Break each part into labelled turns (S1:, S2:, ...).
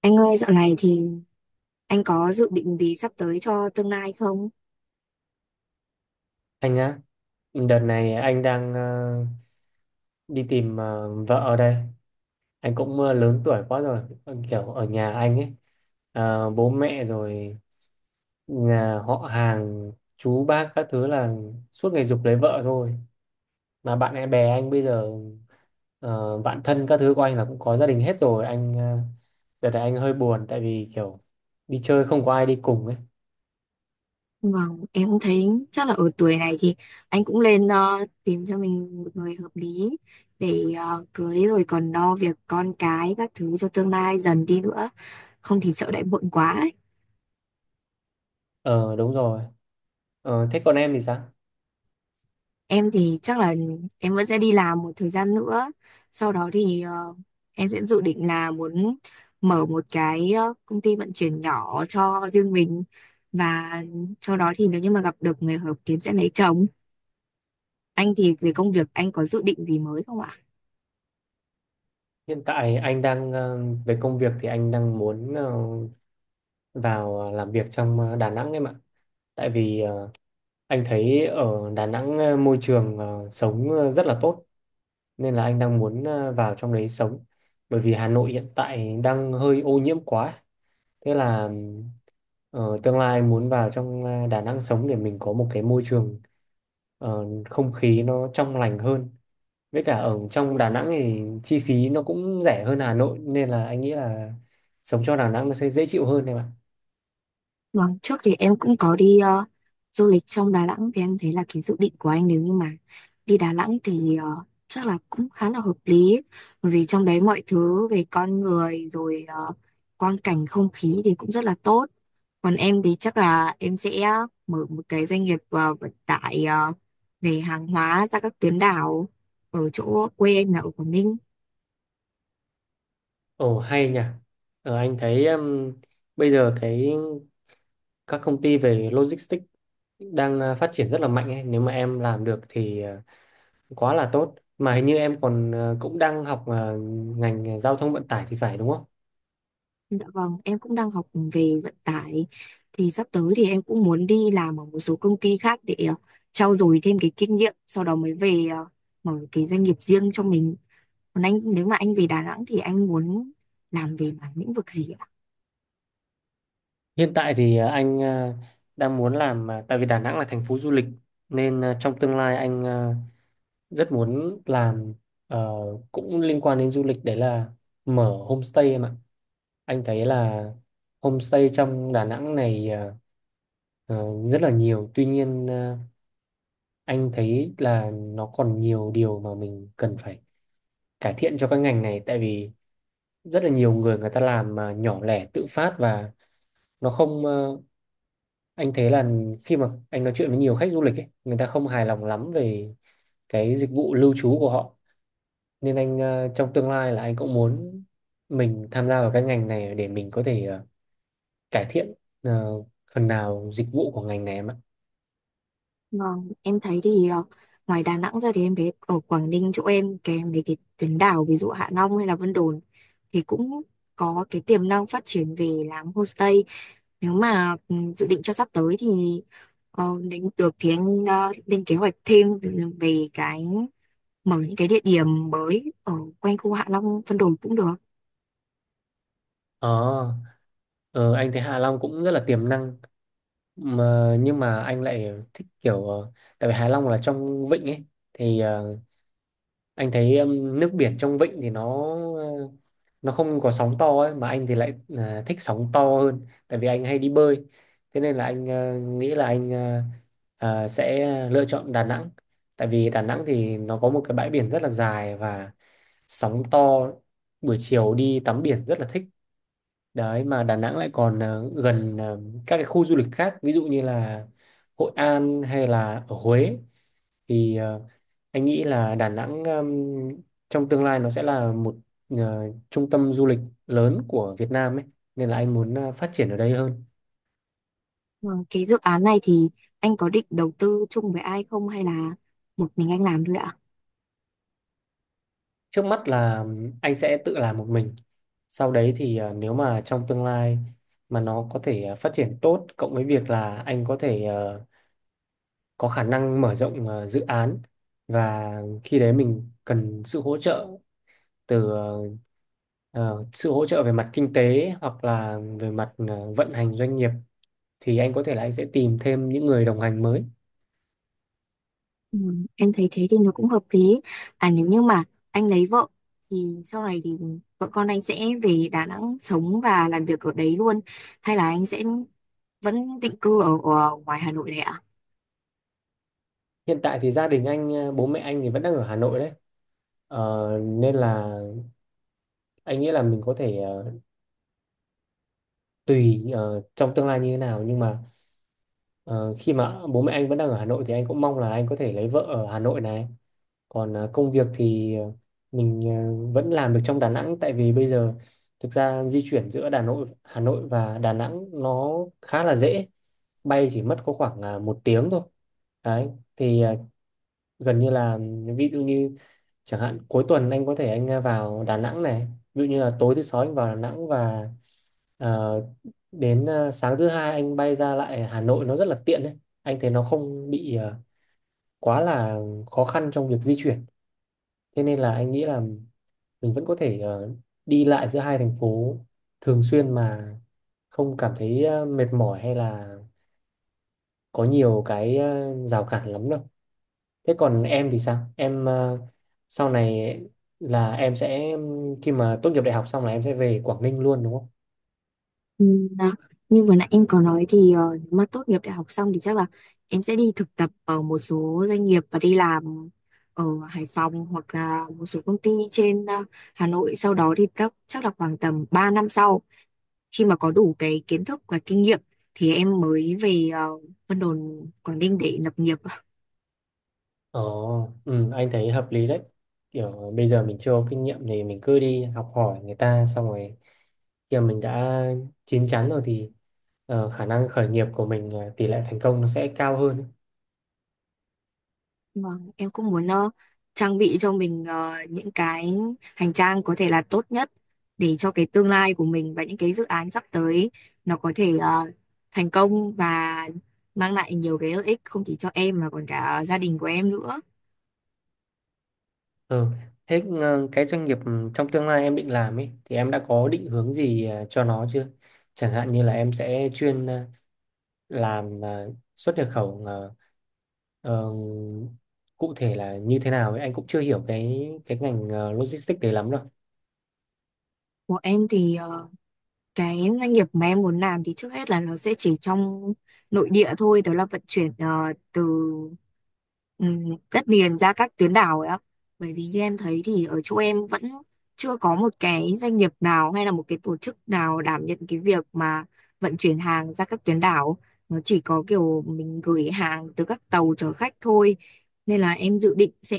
S1: Anh ơi, dạo này thì anh có dự định gì sắp tới cho tương lai không?
S2: Anh á, đợt này anh đang đi tìm vợ ở đây. Anh cũng lớn tuổi quá rồi. Ờ, Kiểu ở nhà anh ấy, bố mẹ rồi nhà họ hàng, chú bác các thứ là suốt ngày giục lấy vợ thôi. Mà bạn em bè anh bây giờ bạn thân các thứ của anh là cũng có gia đình hết rồi. Anh đợt này anh hơi buồn tại vì kiểu đi chơi không có ai đi cùng ấy.
S1: Vâng, em cũng thấy chắc là ở tuổi này thì anh cũng lên tìm cho mình một người hợp lý để cưới rồi còn lo việc con cái các thứ cho tương lai dần đi nữa. Không thì sợ lại muộn quá.
S2: Ờ, đúng rồi. Thế còn em thì sao?
S1: Em thì chắc là em vẫn sẽ đi làm một thời gian nữa. Sau đó thì em sẽ dự định là muốn mở một cái công ty vận chuyển nhỏ cho riêng mình và sau đó thì nếu như mà gặp được người hợp kiếm sẽ lấy chồng. Anh thì về công việc anh có dự định gì mới không ạ?
S2: Hiện tại anh đang về công việc thì anh đang muốn vào làm việc trong Đà Nẵng em ạ. Tại vì anh thấy ở Đà Nẵng môi trường sống rất là tốt, nên là anh đang muốn vào trong đấy sống. Bởi vì Hà Nội hiện tại đang hơi ô nhiễm quá. Thế là tương lai muốn vào trong Đà Nẵng sống để mình có một cái môi trường không khí nó trong lành hơn, với cả ở trong Đà Nẵng thì chi phí nó cũng rẻ hơn Hà Nội nên là anh nghĩ là sống cho Đà Nẵng nó sẽ dễ chịu hơn em ạ.
S1: Vâng, trước thì em cũng có đi du lịch trong Đà Nẵng thì em thấy là cái dự định của anh nếu như mà đi Đà Nẵng thì chắc là cũng khá là hợp lý, bởi vì trong đấy mọi thứ về con người rồi quang cảnh không khí thì cũng rất là tốt. Còn em thì chắc là em sẽ mở một cái doanh nghiệp vận tải về hàng hóa ra các tuyến đảo ở chỗ quê em là ở Quảng Ninh.
S2: Ồ hay nhỉ. Anh thấy bây giờ cái các công ty về logistics đang phát triển rất là mạnh ấy. Nếu mà em làm được thì quá là tốt. Mà hình như em còn cũng đang học ngành giao thông vận tải thì phải đúng không?
S1: Dạ vâng, em cũng đang học về vận tải thì sắp tới thì em cũng muốn đi làm ở một số công ty khác để trau dồi thêm cái kinh nghiệm, sau đó mới về mở cái doanh nghiệp riêng cho mình. Còn anh nếu mà anh về Đà Nẵng thì anh muốn làm về mảng lĩnh vực gì ạ?
S2: Hiện tại thì anh đang muốn làm tại vì Đà Nẵng là thành phố du lịch, nên trong tương lai anh rất muốn làm ờ, cũng liên quan đến du lịch, đấy là mở homestay em ạ. Anh thấy là homestay trong Đà Nẵng này ờ, rất là nhiều, tuy nhiên anh thấy là nó còn nhiều điều mà mình cần phải cải thiện cho cái ngành này. Tại vì rất là nhiều người người ta làm mà nhỏ lẻ tự phát, và nó không anh thấy là khi mà anh nói chuyện với nhiều khách du lịch ấy, người ta không hài lòng lắm về cái dịch vụ lưu trú của họ, nên anh trong tương lai là anh cũng muốn mình tham gia vào cái ngành này để mình có thể cải thiện ờ, phần nào dịch vụ của ngành này em ạ.
S1: Vâng, em thấy thì ngoài Đà Nẵng ra thì em thấy ở Quảng Ninh chỗ em cái mấy cái tuyến đảo ví dụ Hạ Long hay là Vân Đồn thì cũng có cái tiềm năng phát triển về làm homestay, nếu mà dự định cho sắp tới thì đến được thì anh lên kế hoạch thêm về cái mở những cái địa điểm mới ở quanh khu Hạ Long Vân Đồn cũng được.
S2: Ờ, ờ, anh thấy Hạ Long cũng rất là tiềm năng, mà nhưng mà anh lại thích kiểu tại vì Hạ Long là trong vịnh ấy thì anh thấy nước biển trong vịnh thì nó không có sóng to ấy, mà anh thì lại thích sóng to hơn tại vì anh hay đi bơi. Thế nên là anh nghĩ là anh sẽ lựa chọn Đà Nẵng, tại vì Đà Nẵng thì nó có một cái bãi biển rất là dài và sóng to, buổi chiều đi tắm biển rất là thích đấy. Mà Đà Nẵng lại còn gần các cái khu du lịch khác, ví dụ như là Hội An hay là ở Huế thì anh nghĩ là Đà Nẵng trong tương lai nó sẽ là một ờ, trung tâm du lịch lớn của Việt Nam ấy, nên là anh muốn phát triển ở đây hơn.
S1: Ờ, cái dự án này thì anh có định đầu tư chung với ai không hay là một mình anh làm thôi ạ?
S2: Trước mắt là anh sẽ tự làm một mình. Sau đấy thì nếu mà trong tương lai mà nó có thể phát triển tốt, cộng với việc là anh có thể có khả năng mở rộng dự án, và khi đấy mình cần sự hỗ trợ từ sự hỗ trợ về mặt kinh tế hoặc là về mặt vận hành doanh nghiệp, thì anh có thể là anh sẽ tìm thêm những người đồng hành mới.
S1: Ừ, em thấy thế thì nó cũng hợp lý. À nếu như mà anh lấy vợ thì sau này thì vợ con anh sẽ về Đà Nẵng sống và làm việc ở đấy luôn, hay là anh sẽ vẫn định cư ở ngoài Hà Nội này ạ?
S2: Hiện tại thì gia đình anh, bố mẹ anh thì vẫn đang ở Hà Nội đấy. Nên là anh nghĩ là mình có thể tùy trong tương lai như thế nào, nhưng mà ờ, khi mà bố mẹ anh vẫn đang ở Hà Nội thì anh cũng mong là anh có thể lấy vợ ở Hà Nội này. Còn công việc thì mình vẫn làm được trong Đà Nẵng. Tại vì bây giờ thực ra di chuyển giữa Đà Nội, Hà Nội và Đà Nẵng nó khá là dễ, bay chỉ mất có khoảng 1 tiếng thôi đấy. Thì gần như là, ví dụ như chẳng hạn cuối tuần anh có thể anh vào Đà Nẵng này, ví dụ như là tối thứ sáu anh vào Đà Nẵng và ờ, đến sáng thứ hai anh bay ra lại Hà Nội, nó rất là tiện đấy. Anh thấy nó không bị quá là khó khăn trong việc di chuyển, thế nên là anh nghĩ là mình vẫn có thể đi lại giữa hai thành phố thường xuyên mà không cảm thấy mệt mỏi hay là có nhiều cái rào cản lắm đâu. Thế còn em thì sao? Em sau này là em sẽ khi mà tốt nghiệp đại học xong là em sẽ về Quảng Ninh luôn đúng không?
S1: Ừ, à, như vừa nãy em có nói thì nếu mà tốt nghiệp đại học xong thì chắc là em sẽ đi thực tập ở một số doanh nghiệp và đi làm ở Hải Phòng hoặc là một số công ty trên Hà Nội, sau đó thì chắc chắc là khoảng tầm 3 năm sau, khi mà có đủ cái kiến thức và kinh nghiệm thì em mới về Vân Đồn Quảng Ninh để lập nghiệp.
S2: Ồ, ừ, anh thấy hợp lý đấy. Kiểu bây giờ mình chưa có kinh nghiệm thì mình cứ đi học hỏi người ta, xong rồi khi mà mình đã chín chắn rồi thì khả năng khởi nghiệp của mình tỷ lệ thành công nó sẽ cao hơn.
S1: Vâng, em cũng muốn trang bị cho mình những cái hành trang có thể là tốt nhất để cho cái tương lai của mình, và những cái dự án sắp tới nó có thể thành công và mang lại nhiều cái lợi ích không chỉ cho em mà còn cả gia đình của em nữa.
S2: Ừ. Thế cái doanh nghiệp trong tương lai em định làm ấy thì em đã có định hướng gì cho nó chưa? Chẳng hạn như là em sẽ chuyên làm xuất nhập khẩu ờ, cụ thể là như thế nào ấy, anh cũng chưa hiểu cái ngành logistics đấy lắm đâu.
S1: Của em thì cái doanh nghiệp mà em muốn làm thì trước hết là nó sẽ chỉ trong nội địa thôi, đó là vận chuyển từ đất liền ra các tuyến đảo ấy ạ, bởi vì như em thấy thì ở chỗ em vẫn chưa có một cái doanh nghiệp nào hay là một cái tổ chức nào đảm nhận cái việc mà vận chuyển hàng ra các tuyến đảo, nó chỉ có kiểu mình gửi hàng từ các tàu chở khách thôi, nên là em dự định sẽ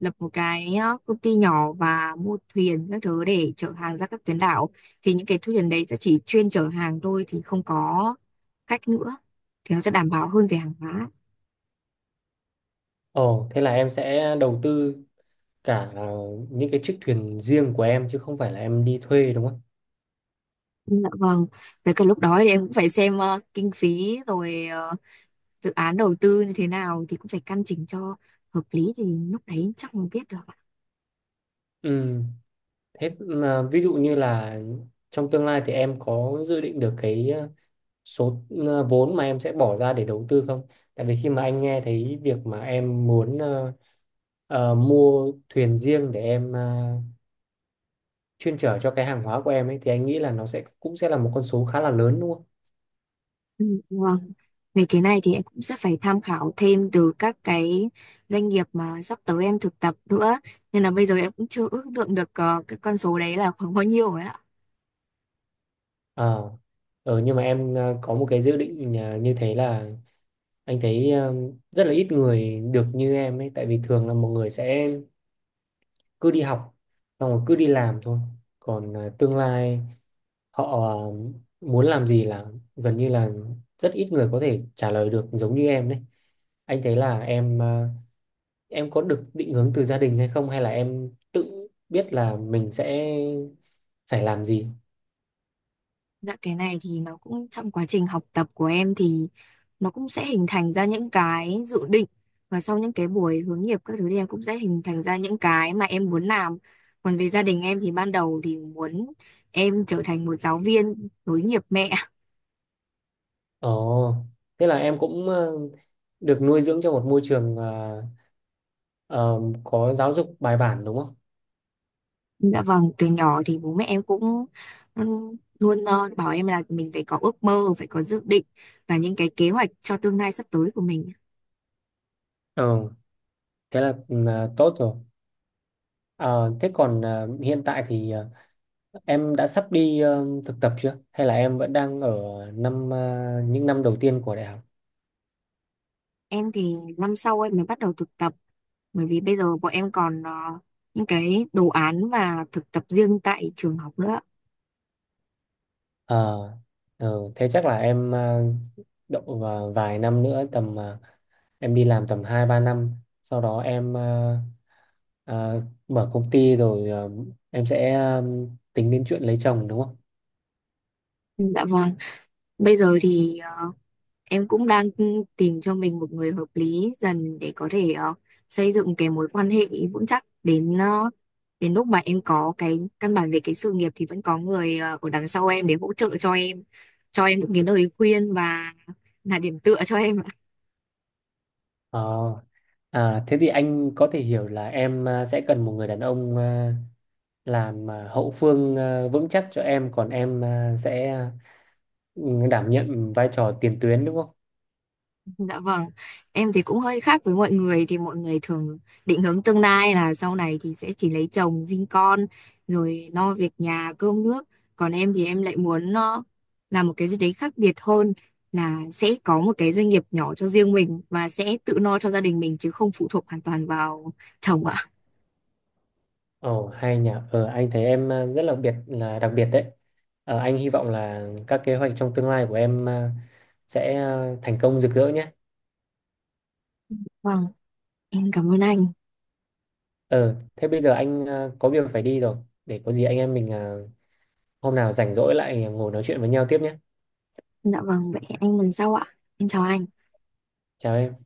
S1: lập một cái công ty nhỏ và mua thuyền các thứ để chở hàng ra các tuyến đảo, thì những cái thu tiền đấy sẽ chỉ chuyên chở hàng thôi thì không có cách nữa, thì nó sẽ đảm bảo hơn về hàng hóa.
S2: Ồ, thế là em sẽ đầu tư cả những cái chiếc thuyền riêng của em chứ không phải là em đi thuê đúng không?
S1: Dạ vâng, với cả lúc đó thì em cũng phải xem kinh phí rồi dự án đầu tư như thế nào thì cũng phải căn chỉnh cho hợp lý, thì lúc đấy chắc mới biết được ạ.
S2: Ừ, thế mà ví dụ như là trong tương lai thì em có dự định được cái số vốn mà em sẽ bỏ ra để đầu tư không? Tại vì khi mà anh nghe thấy việc mà em muốn mua thuyền riêng để em chuyên chở cho cái hàng hóa của em ấy, thì anh nghĩ là nó cũng sẽ là một con số khá là lớn đúng không?
S1: Ừ, vâng, về cái này thì em cũng sẽ phải tham khảo thêm từ các cái doanh nghiệp mà sắp tới em thực tập nữa, nên là bây giờ em cũng chưa ước lượng được cái con số đấy là khoảng bao nhiêu rồi ạ.
S2: Ờ, nhưng mà em có một cái dự định như thế là anh thấy rất là ít người được như em ấy, tại vì thường là mọi người sẽ cứ đi học xong rồi cứ đi làm thôi. Còn tương lai họ muốn làm gì là gần như là rất ít người có thể trả lời được giống như em đấy. Anh thấy là em có được định hướng từ gia đình hay không, hay là em tự biết là mình sẽ phải làm gì?
S1: Dạ, cái này thì nó cũng trong quá trình học tập của em thì nó cũng sẽ hình thành ra những cái dự định, và sau những cái buổi hướng nghiệp các thứ thì em cũng sẽ hình thành ra những cái mà em muốn làm. Còn về gia đình em thì ban đầu thì muốn em trở thành một giáo viên nối nghiệp mẹ.
S2: Ồ, thế là em cũng được nuôi dưỡng trong một môi trường ờ, có giáo dục bài bản đúng không?
S1: Dạ vâng, từ nhỏ thì bố mẹ em cũng luôn bảo em là mình phải có ước mơ, phải có dự định và những cái kế hoạch cho tương lai sắp tới của mình.
S2: Ừ, thế là tốt rồi. Ờ, Thế còn hiện tại thì em đã sắp đi thực tập chưa? Hay là em vẫn đang ở những năm đầu tiên của đại học?
S1: Em thì năm sau em mới bắt đầu thực tập, bởi vì bây giờ bọn em còn những cái đồ án và thực tập riêng tại trường học nữa.
S2: Ờ, Thế chắc là em độ vào vài năm nữa, tầm em đi làm tầm 2-3 năm, sau đó em ờ, mở công ty rồi em sẽ tính đến chuyện lấy chồng đúng không?
S1: Dạ vâng. Bây giờ thì em cũng đang tìm cho mình một người hợp lý dần để có thể xây dựng cái mối quan hệ vững chắc, đến lúc mà em có cái căn bản về cái sự nghiệp thì vẫn có người ở đằng sau em để hỗ trợ cho em những cái lời khuyên và là điểm tựa cho em.
S2: Ờ, Thế thì anh có thể hiểu là em sẽ cần một người đàn ông làm hậu phương vững chắc cho em, còn em sẽ đảm nhận vai trò tiền tuyến đúng không?
S1: Dạ vâng, em thì cũng hơi khác với mọi người, thì mọi người thường định hướng tương lai là sau này thì sẽ chỉ lấy chồng, sinh con rồi lo việc nhà, cơm nước. Còn em thì em lại muốn nó làm một cái gì đấy khác biệt hơn, là sẽ có một cái doanh nghiệp nhỏ cho riêng mình và sẽ tự lo cho gia đình mình chứ không phụ thuộc hoàn toàn vào chồng ạ.
S2: Ồ hay nhỉ. Ờ anh thấy em rất là biệt là đặc biệt đấy. Anh hy vọng là các kế hoạch trong tương lai của em sẽ thành công rực rỡ nhé.
S1: Vâng, em cảm ơn anh.
S2: Ờ, Thế bây giờ anh có việc phải đi rồi. Để có gì anh em mình hôm nào rảnh rỗi lại ngồi nói chuyện với nhau tiếp nhé.
S1: Dạ vâng, vậy hẹn anh lần sau ạ. Em chào anh.
S2: Chào em.